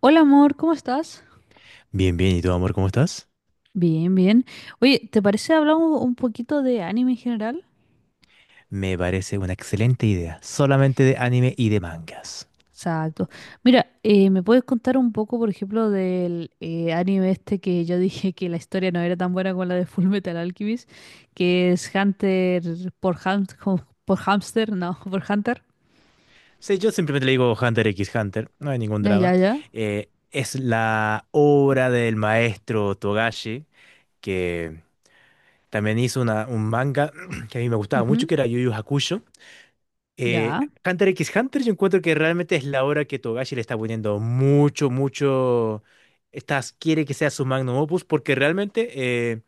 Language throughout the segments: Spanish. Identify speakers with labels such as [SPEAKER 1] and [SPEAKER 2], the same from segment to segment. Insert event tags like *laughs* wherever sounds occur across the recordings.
[SPEAKER 1] Hola amor, ¿cómo estás?
[SPEAKER 2] Bien, bien, ¿y tú, amor, cómo estás?
[SPEAKER 1] Bien, bien. Oye, ¿te parece hablamos un poquito de anime en general?
[SPEAKER 2] Me parece una excelente idea, solamente de anime y de mangas.
[SPEAKER 1] Exacto. Mira, ¿me puedes contar un poco, por ejemplo, del anime este que yo *laughs* dije que la historia no era tan buena como la de Fullmetal Alchemist, que es Hunter por por Hamster, no, *laughs* por Hunter?
[SPEAKER 2] Sí, yo simplemente le digo Hunter x Hunter, no hay ningún
[SPEAKER 1] Ya,
[SPEAKER 2] drama.
[SPEAKER 1] ya, ya.
[SPEAKER 2] Es la obra del maestro Togashi, que también hizo un manga *clears throat* que a mí me gustaba mucho,
[SPEAKER 1] Ujú,
[SPEAKER 2] que era Yu Yu Hakusho. Eh,
[SPEAKER 1] ya.
[SPEAKER 2] Hunter x Hunter yo encuentro que realmente es la obra que Togashi le está poniendo mucho, mucho. Quiere que sea su magnum opus, porque realmente. eh,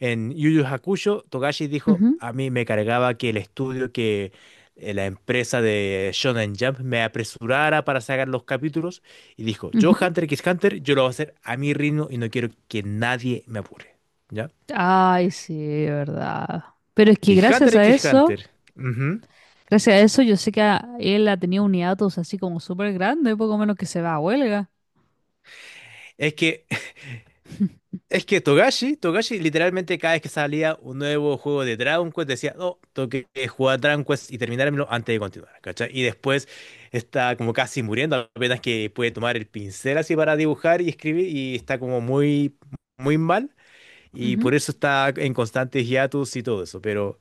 [SPEAKER 2] En Yu Yu Hakusho, Togashi dijo,
[SPEAKER 1] Ujú,
[SPEAKER 2] a mí me cargaba que el estudio, que la empresa de Shonen Jump me apresurara para sacar los capítulos y dijo, yo
[SPEAKER 1] ujú.
[SPEAKER 2] Hunter x Hunter, yo lo voy a hacer a mi ritmo y no quiero que nadie me apure. ¿Ya?
[SPEAKER 1] Ay, sí, verdad. Pero es que
[SPEAKER 2] Y Hunter
[SPEAKER 1] gracias a
[SPEAKER 2] x
[SPEAKER 1] eso.
[SPEAKER 2] Hunter, ujú,
[SPEAKER 1] Gracias a eso yo sé que él ha tenido un hiatus así como súper grande, poco menos que se va a huelga.
[SPEAKER 2] es que
[SPEAKER 1] *laughs*
[SPEAKER 2] Es que Togashi, Togashi literalmente cada vez que salía un nuevo juego de Dragon Quest decía, no, tengo que jugar Dragon Quest y terminármelo antes de continuar, ¿cachai? Y después está como casi muriendo, apenas que puede tomar el pincel así para dibujar y escribir y está como muy, muy mal y
[SPEAKER 1] Ujú,
[SPEAKER 2] por eso está en constantes hiatus y todo eso. Pero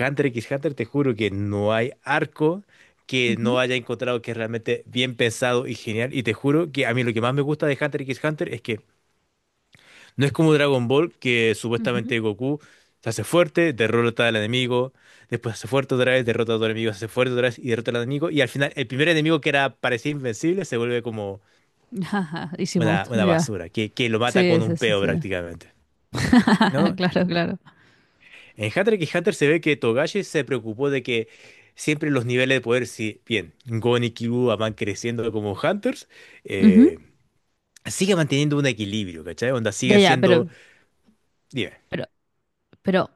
[SPEAKER 2] Hunter x Hunter, te juro que no hay arco que no
[SPEAKER 1] ujú,
[SPEAKER 2] haya encontrado que es realmente bien pensado y genial. Y te juro que a mí lo que más me gusta de Hunter x Hunter es que no es como Dragon Ball, que
[SPEAKER 1] ujú.
[SPEAKER 2] supuestamente Goku se hace fuerte, derrota al enemigo, después se hace fuerte otra vez, derrota a otro enemigo, se hace fuerte otra vez y derrota al enemigo. Y al final, el primer enemigo que era parecía invencible se vuelve como
[SPEAKER 1] *laughs* Ajá, Easy
[SPEAKER 2] una,
[SPEAKER 1] mode,
[SPEAKER 2] una
[SPEAKER 1] ya.
[SPEAKER 2] basura, que lo mata
[SPEAKER 1] Sí,
[SPEAKER 2] con
[SPEAKER 1] sí,
[SPEAKER 2] un
[SPEAKER 1] sí,
[SPEAKER 2] peo
[SPEAKER 1] sí.
[SPEAKER 2] prácticamente. No,
[SPEAKER 1] *laughs*
[SPEAKER 2] no.
[SPEAKER 1] Claro, claro.
[SPEAKER 2] En Hunter x Hunter se ve que Togashi se preocupó de que siempre los niveles de poder, si bien Gon y Killua van creciendo como Hunters,
[SPEAKER 1] Ujú.
[SPEAKER 2] eh, sigue manteniendo un equilibrio, ¿cachai? Onda
[SPEAKER 1] Ya,
[SPEAKER 2] siguen
[SPEAKER 1] ya,
[SPEAKER 2] siendo. Dime.
[SPEAKER 1] pero, Pero,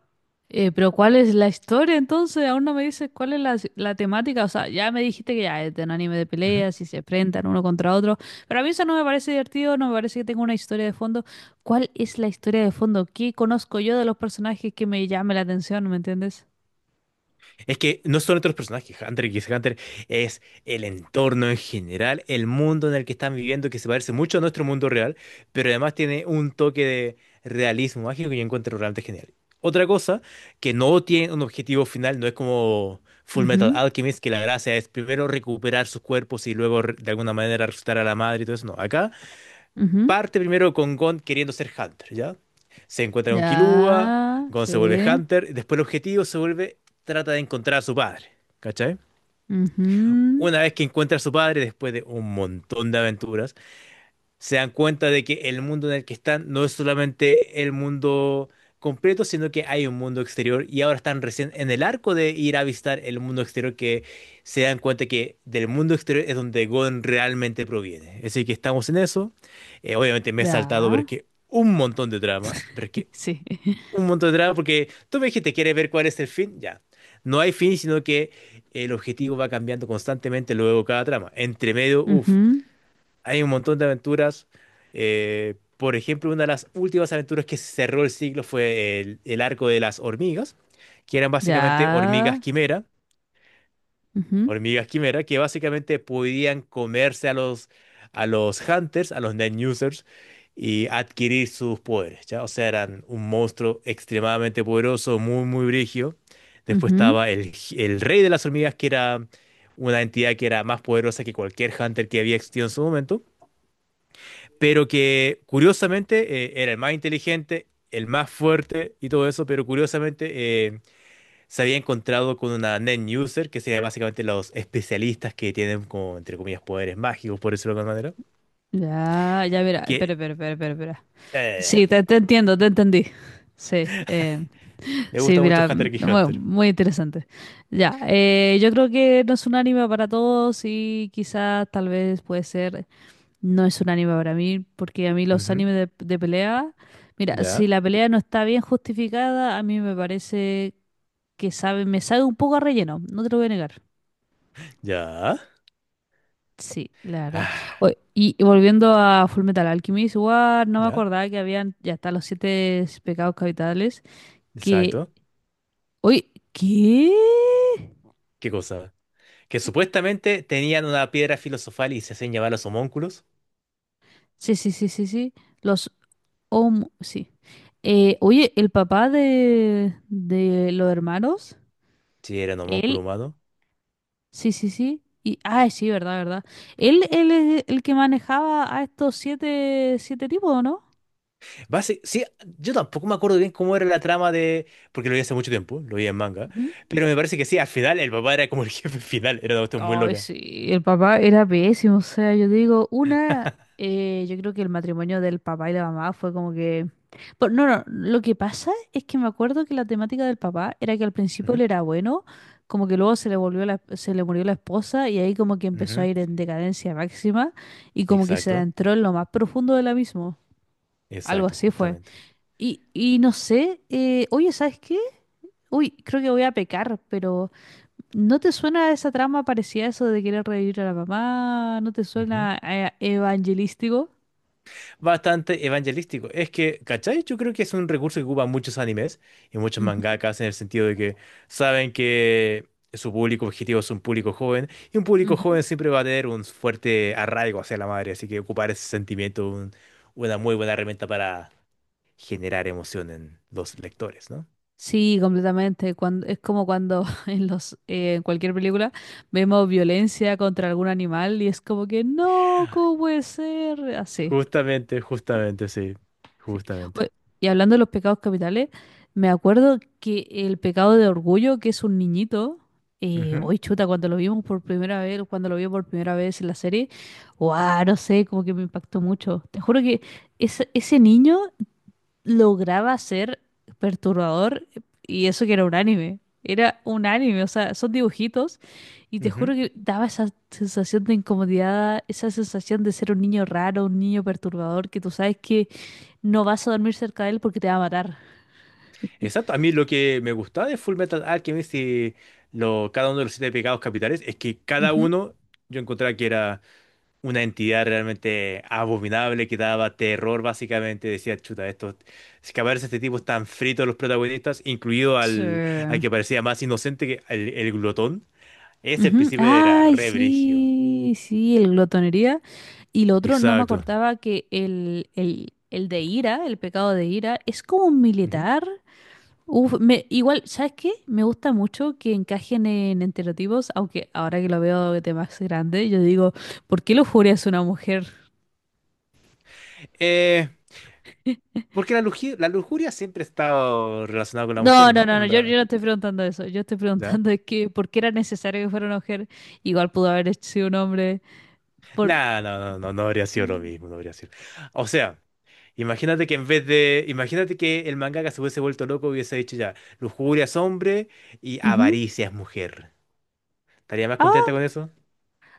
[SPEAKER 1] pero ¿cuál es la historia entonces? Aún no me dices cuál es la temática. O sea, ya me dijiste que ya es de un anime de peleas y se enfrentan uno contra otro. Pero a mí eso no me parece divertido, no me parece que tenga una historia de fondo. ¿Cuál es la historia de fondo? ¿Qué conozco yo de los personajes que me llame la atención? ¿Me entiendes?
[SPEAKER 2] Es que no solamente los personajes, Hunter x Hunter es el entorno en general, el mundo en el que están viviendo, que se parece mucho a nuestro mundo real, pero además tiene un toque de realismo mágico que yo encuentro realmente genial. Otra cosa que no tiene un objetivo final, no es como Full Metal
[SPEAKER 1] Ujú,
[SPEAKER 2] Alchemist, que la gracia es primero recuperar sus cuerpos y luego de alguna manera resucitar a la madre y todo eso. No, acá
[SPEAKER 1] ujú.
[SPEAKER 2] parte primero con Gon queriendo ser Hunter, ¿ya? Se encuentra con Killua,
[SPEAKER 1] Ya,
[SPEAKER 2] Gon se vuelve
[SPEAKER 1] sí.
[SPEAKER 2] Hunter, después el objetivo se vuelve, trata de encontrar a su padre, ¿cachai?
[SPEAKER 1] Ujú,
[SPEAKER 2] Una vez que encuentra a su padre, después de un montón de aventuras, se dan cuenta de que el mundo en el que están no es solamente el mundo completo, sino que hay un mundo exterior y ahora están recién en el arco de ir a visitar el mundo exterior que se dan cuenta que del mundo exterior es donde Gon realmente proviene. Así que estamos en eso. Obviamente me he saltado, pero
[SPEAKER 1] ya.
[SPEAKER 2] es que un montón de drama,
[SPEAKER 1] *laughs* Sí.
[SPEAKER 2] porque tú me dijiste, ¿quieres ver cuál es el fin? Ya. No hay fin, sino que el objetivo va cambiando constantemente luego cada trama. Entre medio, uff.
[SPEAKER 1] Ujú,
[SPEAKER 2] Hay un montón de aventuras. Por ejemplo, una de las últimas aventuras que cerró el siglo fue el arco de las hormigas, que eran básicamente
[SPEAKER 1] ya. Ujú,
[SPEAKER 2] hormigas quimera, que básicamente podían comerse a los hunters, a los net users, y adquirir sus poderes, ¿ya? O sea, eran un monstruo extremadamente poderoso, muy, muy brigio. Después
[SPEAKER 1] ujú.
[SPEAKER 2] estaba el rey de las hormigas, que era una entidad que era más poderosa que cualquier hunter que había existido en su momento, pero que curiosamente era el más inteligente, el más fuerte y todo eso, pero curiosamente se había encontrado con una net user, que sería básicamente los especialistas que tienen como, entre comillas, poderes mágicos, por decirlo de alguna manera,
[SPEAKER 1] Ya, ya verá. Espera,
[SPEAKER 2] que
[SPEAKER 1] espera, espera, espera, espera.
[SPEAKER 2] eh,
[SPEAKER 1] Sí, te entiendo, te entendí. Sí,
[SPEAKER 2] me
[SPEAKER 1] sí,
[SPEAKER 2] gusta mucho
[SPEAKER 1] mira,
[SPEAKER 2] Hunter x
[SPEAKER 1] bueno,
[SPEAKER 2] Hunter.
[SPEAKER 1] muy interesante. Ya, yo creo que no es un anime para todos y quizás tal vez puede ser, no es un anime para mí, porque a mí los
[SPEAKER 2] Ujú,
[SPEAKER 1] animes de pelea, mira, si
[SPEAKER 2] ya,
[SPEAKER 1] la pelea no está bien justificada, a mí me parece que sabe, me sabe un poco a relleno, no te lo voy a negar.
[SPEAKER 2] ya,
[SPEAKER 1] Sí, la verdad. O-
[SPEAKER 2] ah,
[SPEAKER 1] y y volviendo a Fullmetal Alchemist, igual no me
[SPEAKER 2] ya,
[SPEAKER 1] acordaba que habían ya está los siete pecados capitales. Que.
[SPEAKER 2] exacto.
[SPEAKER 1] Uy, ¿qué?
[SPEAKER 2] ¿Qué cosa? Que supuestamente tenían una piedra filosofal y se hacían llamar los homúnculos.
[SPEAKER 1] Sí, sí, sí, sí, sí. Los Om. Sí. Oye, el papá de los hermanos,
[SPEAKER 2] Sí, eran
[SPEAKER 1] él.
[SPEAKER 2] homúnculos humanos.
[SPEAKER 1] Sí, sí, sí. Y, ah, sí, verdad, verdad. Él es el que manejaba a estos siete, siete tipos, ¿no?
[SPEAKER 2] Sí, yo tampoco me acuerdo bien cómo era la trama de. Porque lo vi hace mucho tiempo, lo vi en manga. Pero me parece que sí, al final el papá era como el *laughs* jefe final, era una cuestión muy
[SPEAKER 1] Ay,
[SPEAKER 2] loca.
[SPEAKER 1] sí, el papá era pésimo, o sea, yo digo, una, yo creo que el matrimonio del papá y la mamá fue como que. Pero no, no, lo que pasa es que me acuerdo que la temática del papá era que al principio
[SPEAKER 2] Ujú,
[SPEAKER 1] él era bueno, como que luego se le volvió la, se le murió la esposa y ahí como que empezó a
[SPEAKER 2] ujú.
[SPEAKER 1] ir en decadencia máxima y como que se
[SPEAKER 2] Exacto,
[SPEAKER 1] adentró en lo más profundo de la abismo, algo
[SPEAKER 2] exacto,
[SPEAKER 1] así fue.
[SPEAKER 2] justamente.
[SPEAKER 1] Y no sé, oye, ¿sabes qué? Uy, creo que voy a pecar, pero. ¿No te suena esa trama parecida a eso de querer revivir a la mamá? ¿No te
[SPEAKER 2] Ujú.
[SPEAKER 1] suena evangelístico?
[SPEAKER 2] Bastante evangelístico. Es que, ¿cachai? Yo creo que es un recurso que ocupan muchos animes y muchos
[SPEAKER 1] Ujú,
[SPEAKER 2] mangakas en el sentido de que saben que su público objetivo es un público joven y un público
[SPEAKER 1] ujú.
[SPEAKER 2] joven siempre va a tener un fuerte arraigo hacia la madre, así que ocupar ese sentimiento, una muy buena herramienta para generar emoción en los lectores, no.
[SPEAKER 1] Sí, completamente. Cuando, es como cuando *laughs* en cualquier película vemos violencia contra algún animal y es como que no, ¿cómo puede ser? Así.
[SPEAKER 2] Justamente, justamente, sí.
[SPEAKER 1] Sí.
[SPEAKER 2] Justamente.
[SPEAKER 1] Oye, y hablando de los pecados capitales, me acuerdo que el pecado de orgullo, que es un niñito,
[SPEAKER 2] Ujú,
[SPEAKER 1] hoy chuta, cuando lo vi por primera vez en la serie, wow, no sé, como que me impactó mucho. Te juro que ese niño lograba ser perturbador y eso que era un anime. Era un anime, o sea, son dibujitos y te juro
[SPEAKER 2] ujú.
[SPEAKER 1] que daba esa sensación de incomodidad, esa sensación de ser un niño raro, un niño perturbador, que tú sabes que no vas a dormir cerca de él porque te va a matar.
[SPEAKER 2] Exacto. A mí lo que me gustaba de Full Metal Alchemist y cada uno de los siete pecados capitales es que cada
[SPEAKER 1] Ujú.
[SPEAKER 2] uno yo encontraba que era una entidad realmente abominable que daba terror, básicamente. Decía, chuta, estos, si que aparece este tipo están fritos los protagonistas, incluido
[SPEAKER 1] Sí.
[SPEAKER 2] al que parecía más inocente que el glotón. Ese al
[SPEAKER 1] Ujú.
[SPEAKER 2] principio era
[SPEAKER 1] Ay,
[SPEAKER 2] re brígido.
[SPEAKER 1] sí, sí, el glotonería. Y lo otro, no me
[SPEAKER 2] Exacto.
[SPEAKER 1] acordaba que el, el de ira, el pecado de ira, es como un militar. Uf, igual, ¿sabes qué? Me gusta mucho que encajen en estereotipos, aunque ahora que lo veo de más grande, yo digo, ¿por qué lujuria es una mujer?
[SPEAKER 2] Eh, Porque la lujuria siempre ha estado relacionada con la mujer,
[SPEAKER 1] No,
[SPEAKER 2] ¿no?
[SPEAKER 1] no, no, no, yo
[SPEAKER 2] Onda,
[SPEAKER 1] no estoy preguntando eso. Yo estoy
[SPEAKER 2] ¿ya?
[SPEAKER 1] preguntando es que, ¿por qué era necesario que fuera una mujer? Igual pudo haber sido un hombre. Por.
[SPEAKER 2] Nah, no, no, no, no habría sido lo mismo, no habría sido. O sea, imagínate que en vez de, imagínate que el mangaka se hubiese vuelto loco y hubiese dicho ya, lujuria es hombre y
[SPEAKER 1] Ujú.
[SPEAKER 2] avaricia es mujer. ¿Estaría más contenta
[SPEAKER 1] Ah,
[SPEAKER 2] con eso?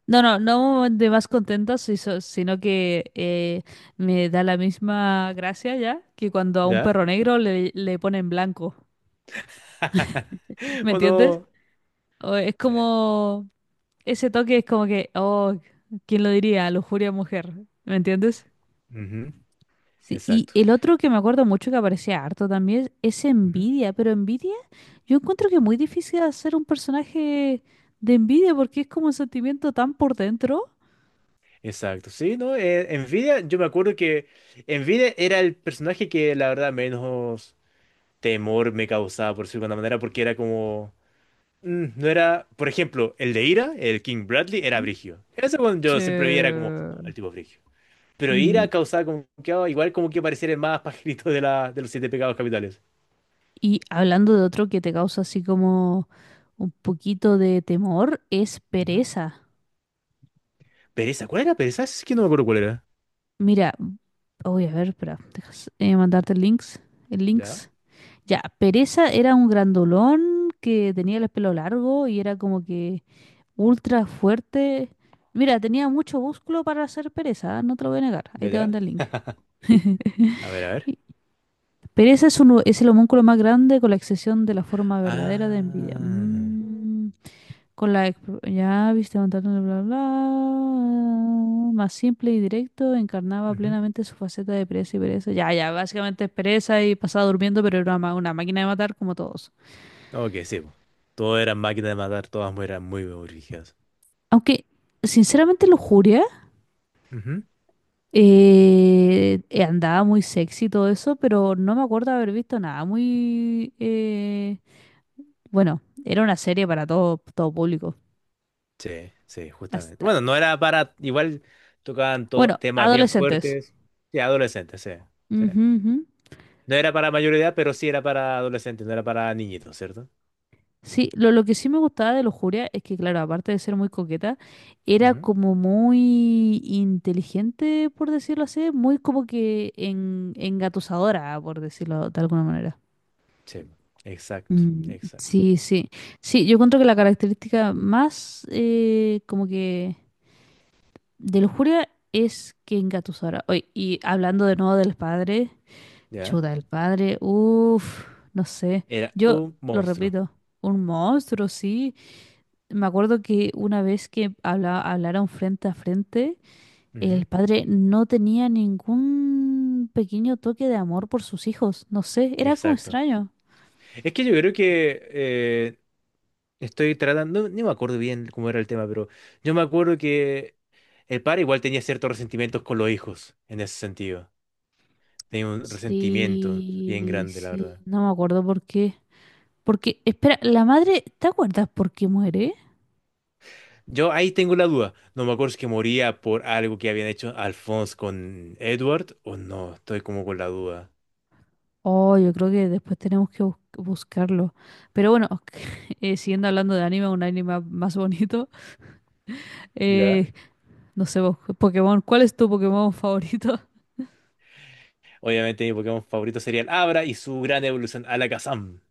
[SPEAKER 1] no, no, no de más contenta, si sino que me da la misma gracia ya que cuando a un
[SPEAKER 2] ¿Ya?
[SPEAKER 1] perro negro le ponen blanco.
[SPEAKER 2] *laughs*
[SPEAKER 1] ¿Me
[SPEAKER 2] ¿O
[SPEAKER 1] entiendes?
[SPEAKER 2] no?
[SPEAKER 1] O es
[SPEAKER 2] Sí.
[SPEAKER 1] como, ese toque es como que, oh, ¿quién lo diría? Lujuria mujer. ¿Me entiendes?
[SPEAKER 2] Ujú,
[SPEAKER 1] Sí, y
[SPEAKER 2] exacto.
[SPEAKER 1] el otro que me acuerdo mucho que aparecía harto también es
[SPEAKER 2] Ujú,
[SPEAKER 1] Envidia, pero Envidia yo encuentro que es muy difícil hacer un personaje de Envidia porque es como un sentimiento tan por dentro.
[SPEAKER 2] exacto. Sí, ¿no? Nvidia, yo me acuerdo que Nvidia era el personaje que la verdad menos temor me causaba, por decirlo manera, porque era como. No era, por ejemplo, el de Ira, el King Bradley, era brigio. Eso cuando
[SPEAKER 1] Sí.
[SPEAKER 2] yo siempre vi era como, no, el tipo es brigio. Pero Ira
[SPEAKER 1] Mm.
[SPEAKER 2] causaba como que, oh, igual como que pareciera el más pajarito de los siete pecados capitales.
[SPEAKER 1] Y hablando de otro que te causa así como un poquito de temor, es
[SPEAKER 2] Ujú.
[SPEAKER 1] pereza.
[SPEAKER 2] Pereza, ¿cuál era pereza? Es que no me acuerdo cuál era.
[SPEAKER 1] Mira, voy a ver, espera, dejas mandarte el links, el
[SPEAKER 2] Ya,
[SPEAKER 1] links. Ya, pereza era un grandolón que tenía el pelo largo y era como que ultra fuerte. Mira, tenía mucho músculo para hacer pereza, ¿eh? No te lo voy a negar. Ahí
[SPEAKER 2] ya,
[SPEAKER 1] te
[SPEAKER 2] ya.
[SPEAKER 1] mando el link. *laughs*
[SPEAKER 2] A ver, a ver.
[SPEAKER 1] Y Pereza es el homúnculo más grande con la excepción de la forma verdadera de envidia.
[SPEAKER 2] Ah.
[SPEAKER 1] Mm. Ya viste contando bla bla bla, más simple y directo, encarnaba
[SPEAKER 2] Ujú.
[SPEAKER 1] plenamente su faceta de pereza y pereza. Ya, ya, básicamente es pereza y pasaba durmiendo, pero era una máquina de matar como todos.
[SPEAKER 2] Ok, sí. Po. Todo era máquina de matar, todas eran muy, muy rígidas.
[SPEAKER 1] Aunque, sinceramente, Lujuria andaba muy sexy y todo eso, pero no me acuerdo haber visto nada muy bueno, era una serie para todo, todo público.
[SPEAKER 2] Sí, sí, justamente.
[SPEAKER 1] Hasta-
[SPEAKER 2] Bueno, no era para, igual tocaban
[SPEAKER 1] bueno,
[SPEAKER 2] temas bien
[SPEAKER 1] adolescentes.
[SPEAKER 2] fuertes. Sí, adolescentes, sí, sí.
[SPEAKER 1] Ujú, ujú.
[SPEAKER 2] No era para mayor edad, pero sí era para adolescentes, no era para niñitos, ¿cierto?
[SPEAKER 1] Sí, lo que sí me gustaba de Lujuria es que, claro, aparte de ser muy coqueta, era
[SPEAKER 2] Ujú.
[SPEAKER 1] como muy inteligente, por decirlo así, muy como que engatusadora, por decirlo de alguna manera.
[SPEAKER 2] Sí, exacto,
[SPEAKER 1] Mm,
[SPEAKER 2] exacto.
[SPEAKER 1] sí, sí. Sí, yo encuentro que la característica más como que de Lujuria es que engatusadora. Oye, y hablando de nuevo del padre,
[SPEAKER 2] ¿Ya?
[SPEAKER 1] chuta, el padre, uff, no sé.
[SPEAKER 2] Era
[SPEAKER 1] Yo
[SPEAKER 2] un
[SPEAKER 1] lo
[SPEAKER 2] monstruo.
[SPEAKER 1] repito, un monstruo, sí. Me acuerdo que una vez que hablaron frente a frente,
[SPEAKER 2] Ujú,
[SPEAKER 1] el padre no tenía ningún pequeño toque de amor por sus hijos. No sé, era como
[SPEAKER 2] exacto.
[SPEAKER 1] extraño.
[SPEAKER 2] Es que yo creo que estoy tratando, no, me acuerdo bien cómo era el tema, pero yo me acuerdo que el padre igual tenía ciertos resentimientos con los hijos, en ese sentido. Tenía un resentimiento bien
[SPEAKER 1] Sí,
[SPEAKER 2] grande, la
[SPEAKER 1] sí,
[SPEAKER 2] verdad.
[SPEAKER 1] no me acuerdo por qué. Porque, espera, la madre, ¿te acuerdas por qué muere?
[SPEAKER 2] Yo ahí tengo la duda. No me acuerdo si es que moría por algo que habían hecho Alphonse con Edward o no. Estoy como con la duda.
[SPEAKER 1] Oh, yo creo que después tenemos que buscarlo. Pero bueno, *laughs* siguiendo hablando de anime, un anime más bonito.
[SPEAKER 2] ¿Ya?
[SPEAKER 1] eh, no sé, vos, Pokémon, ¿cuál es tu Pokémon favorito?
[SPEAKER 2] Obviamente mi Pokémon favorito sería el Abra y su gran evolución Alakazam.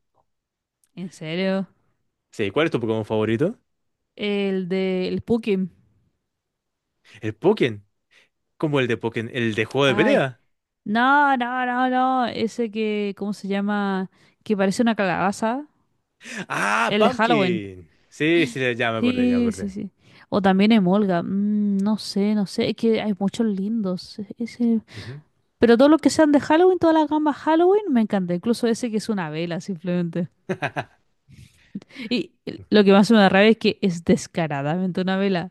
[SPEAKER 1] *laughs* ¿En serio?
[SPEAKER 2] Sí, ¿cuál es tu Pokémon favorito?
[SPEAKER 1] El de el Pukim.
[SPEAKER 2] El Pokken. ¿Cómo el de Pokken? ¿El de juego de
[SPEAKER 1] Ay,
[SPEAKER 2] pelea?
[SPEAKER 1] no, no, no, no. Ese que, ¿cómo se llama? Que parece una calabaza.
[SPEAKER 2] ¡Ah,
[SPEAKER 1] El de Halloween.
[SPEAKER 2] Pumpkin! Sí, sí, ya me acordé, ya me
[SPEAKER 1] Sí, sí,
[SPEAKER 2] acordé.
[SPEAKER 1] sí. O también Emolga. No sé, no sé. Es que hay muchos lindos. Ese.
[SPEAKER 2] Ujú.
[SPEAKER 1] Pero todos los que sean de Halloween, todas las gamas Halloween, me encanta. Incluso ese que es una vela, simplemente.
[SPEAKER 2] *laughs*
[SPEAKER 1] Y lo que más me da rabia es que es descaradamente una vela.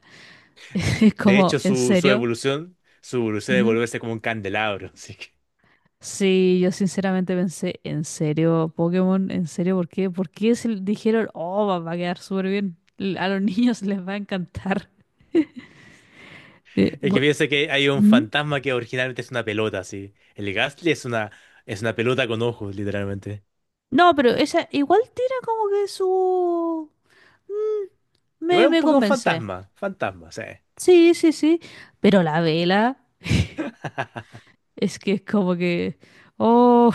[SPEAKER 1] *laughs* Es
[SPEAKER 2] De
[SPEAKER 1] como,
[SPEAKER 2] hecho,
[SPEAKER 1] ¿en
[SPEAKER 2] su
[SPEAKER 1] serio?
[SPEAKER 2] evolución, su evolución de
[SPEAKER 1] Ujú.
[SPEAKER 2] volverse como un candelabro. *laughs* Sí.
[SPEAKER 1] Sí, yo sinceramente pensé, ¿en serio, Pokémon? ¿En serio? ¿Por qué? ¿Por qué se le dijeron, oh, va a quedar súper bien? A los *laughs* niños les va a encantar. Eh,
[SPEAKER 2] Es
[SPEAKER 1] bu-
[SPEAKER 2] que piensa que hay un
[SPEAKER 1] ¿Mm?
[SPEAKER 2] fantasma que originalmente es una pelota, sí. El Gastly es es una pelota con ojos, literalmente.
[SPEAKER 1] No, pero esa igual tira como que su. Mm,
[SPEAKER 2] Igual
[SPEAKER 1] me,
[SPEAKER 2] es un
[SPEAKER 1] me
[SPEAKER 2] Pokémon
[SPEAKER 1] convencé.
[SPEAKER 2] fantasma, fantasma, sí.
[SPEAKER 1] Sí, sí, sí. Pero la vela
[SPEAKER 2] *laughs*
[SPEAKER 1] es que es como que. Oh,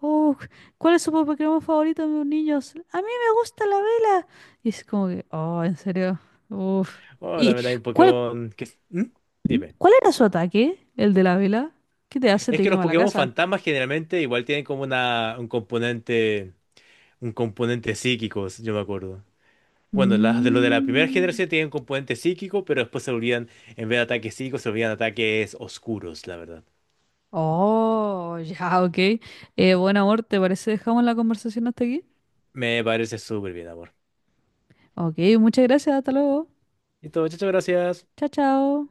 [SPEAKER 1] oh, ¿cuál es su Pokémon favorito de los niños? A mí me gusta la vela. Y es como que, oh, en serio. Uf.
[SPEAKER 2] Bueno,
[SPEAKER 1] ¿Y
[SPEAKER 2] también hay un
[SPEAKER 1] cuál?
[SPEAKER 2] Pokémon que. ¿Mm? Dime.
[SPEAKER 1] ¿Cuál era su ataque? ¿El de la vela? ¿Qué te hace?
[SPEAKER 2] Es
[SPEAKER 1] Te
[SPEAKER 2] que los
[SPEAKER 1] quema la
[SPEAKER 2] Pokémon
[SPEAKER 1] casa.
[SPEAKER 2] fantasmas generalmente igual tienen como un componente psíquico, si yo me acuerdo. Bueno, las de la primera
[SPEAKER 1] Mm.
[SPEAKER 2] generación tienen componente psíquico, pero después se olvidan, en vez de ataques psíquicos, se olvidan ataques oscuros, la verdad.
[SPEAKER 1] Oh, *laughs* ya, ok. Buen amor, ¿te parece? Dejamos la conversación hasta aquí.
[SPEAKER 2] Me parece súper bien, amor.
[SPEAKER 1] Ok, muchas gracias. Hasta luego.
[SPEAKER 2] Y todo, muchas gracias.
[SPEAKER 1] Chao, chao.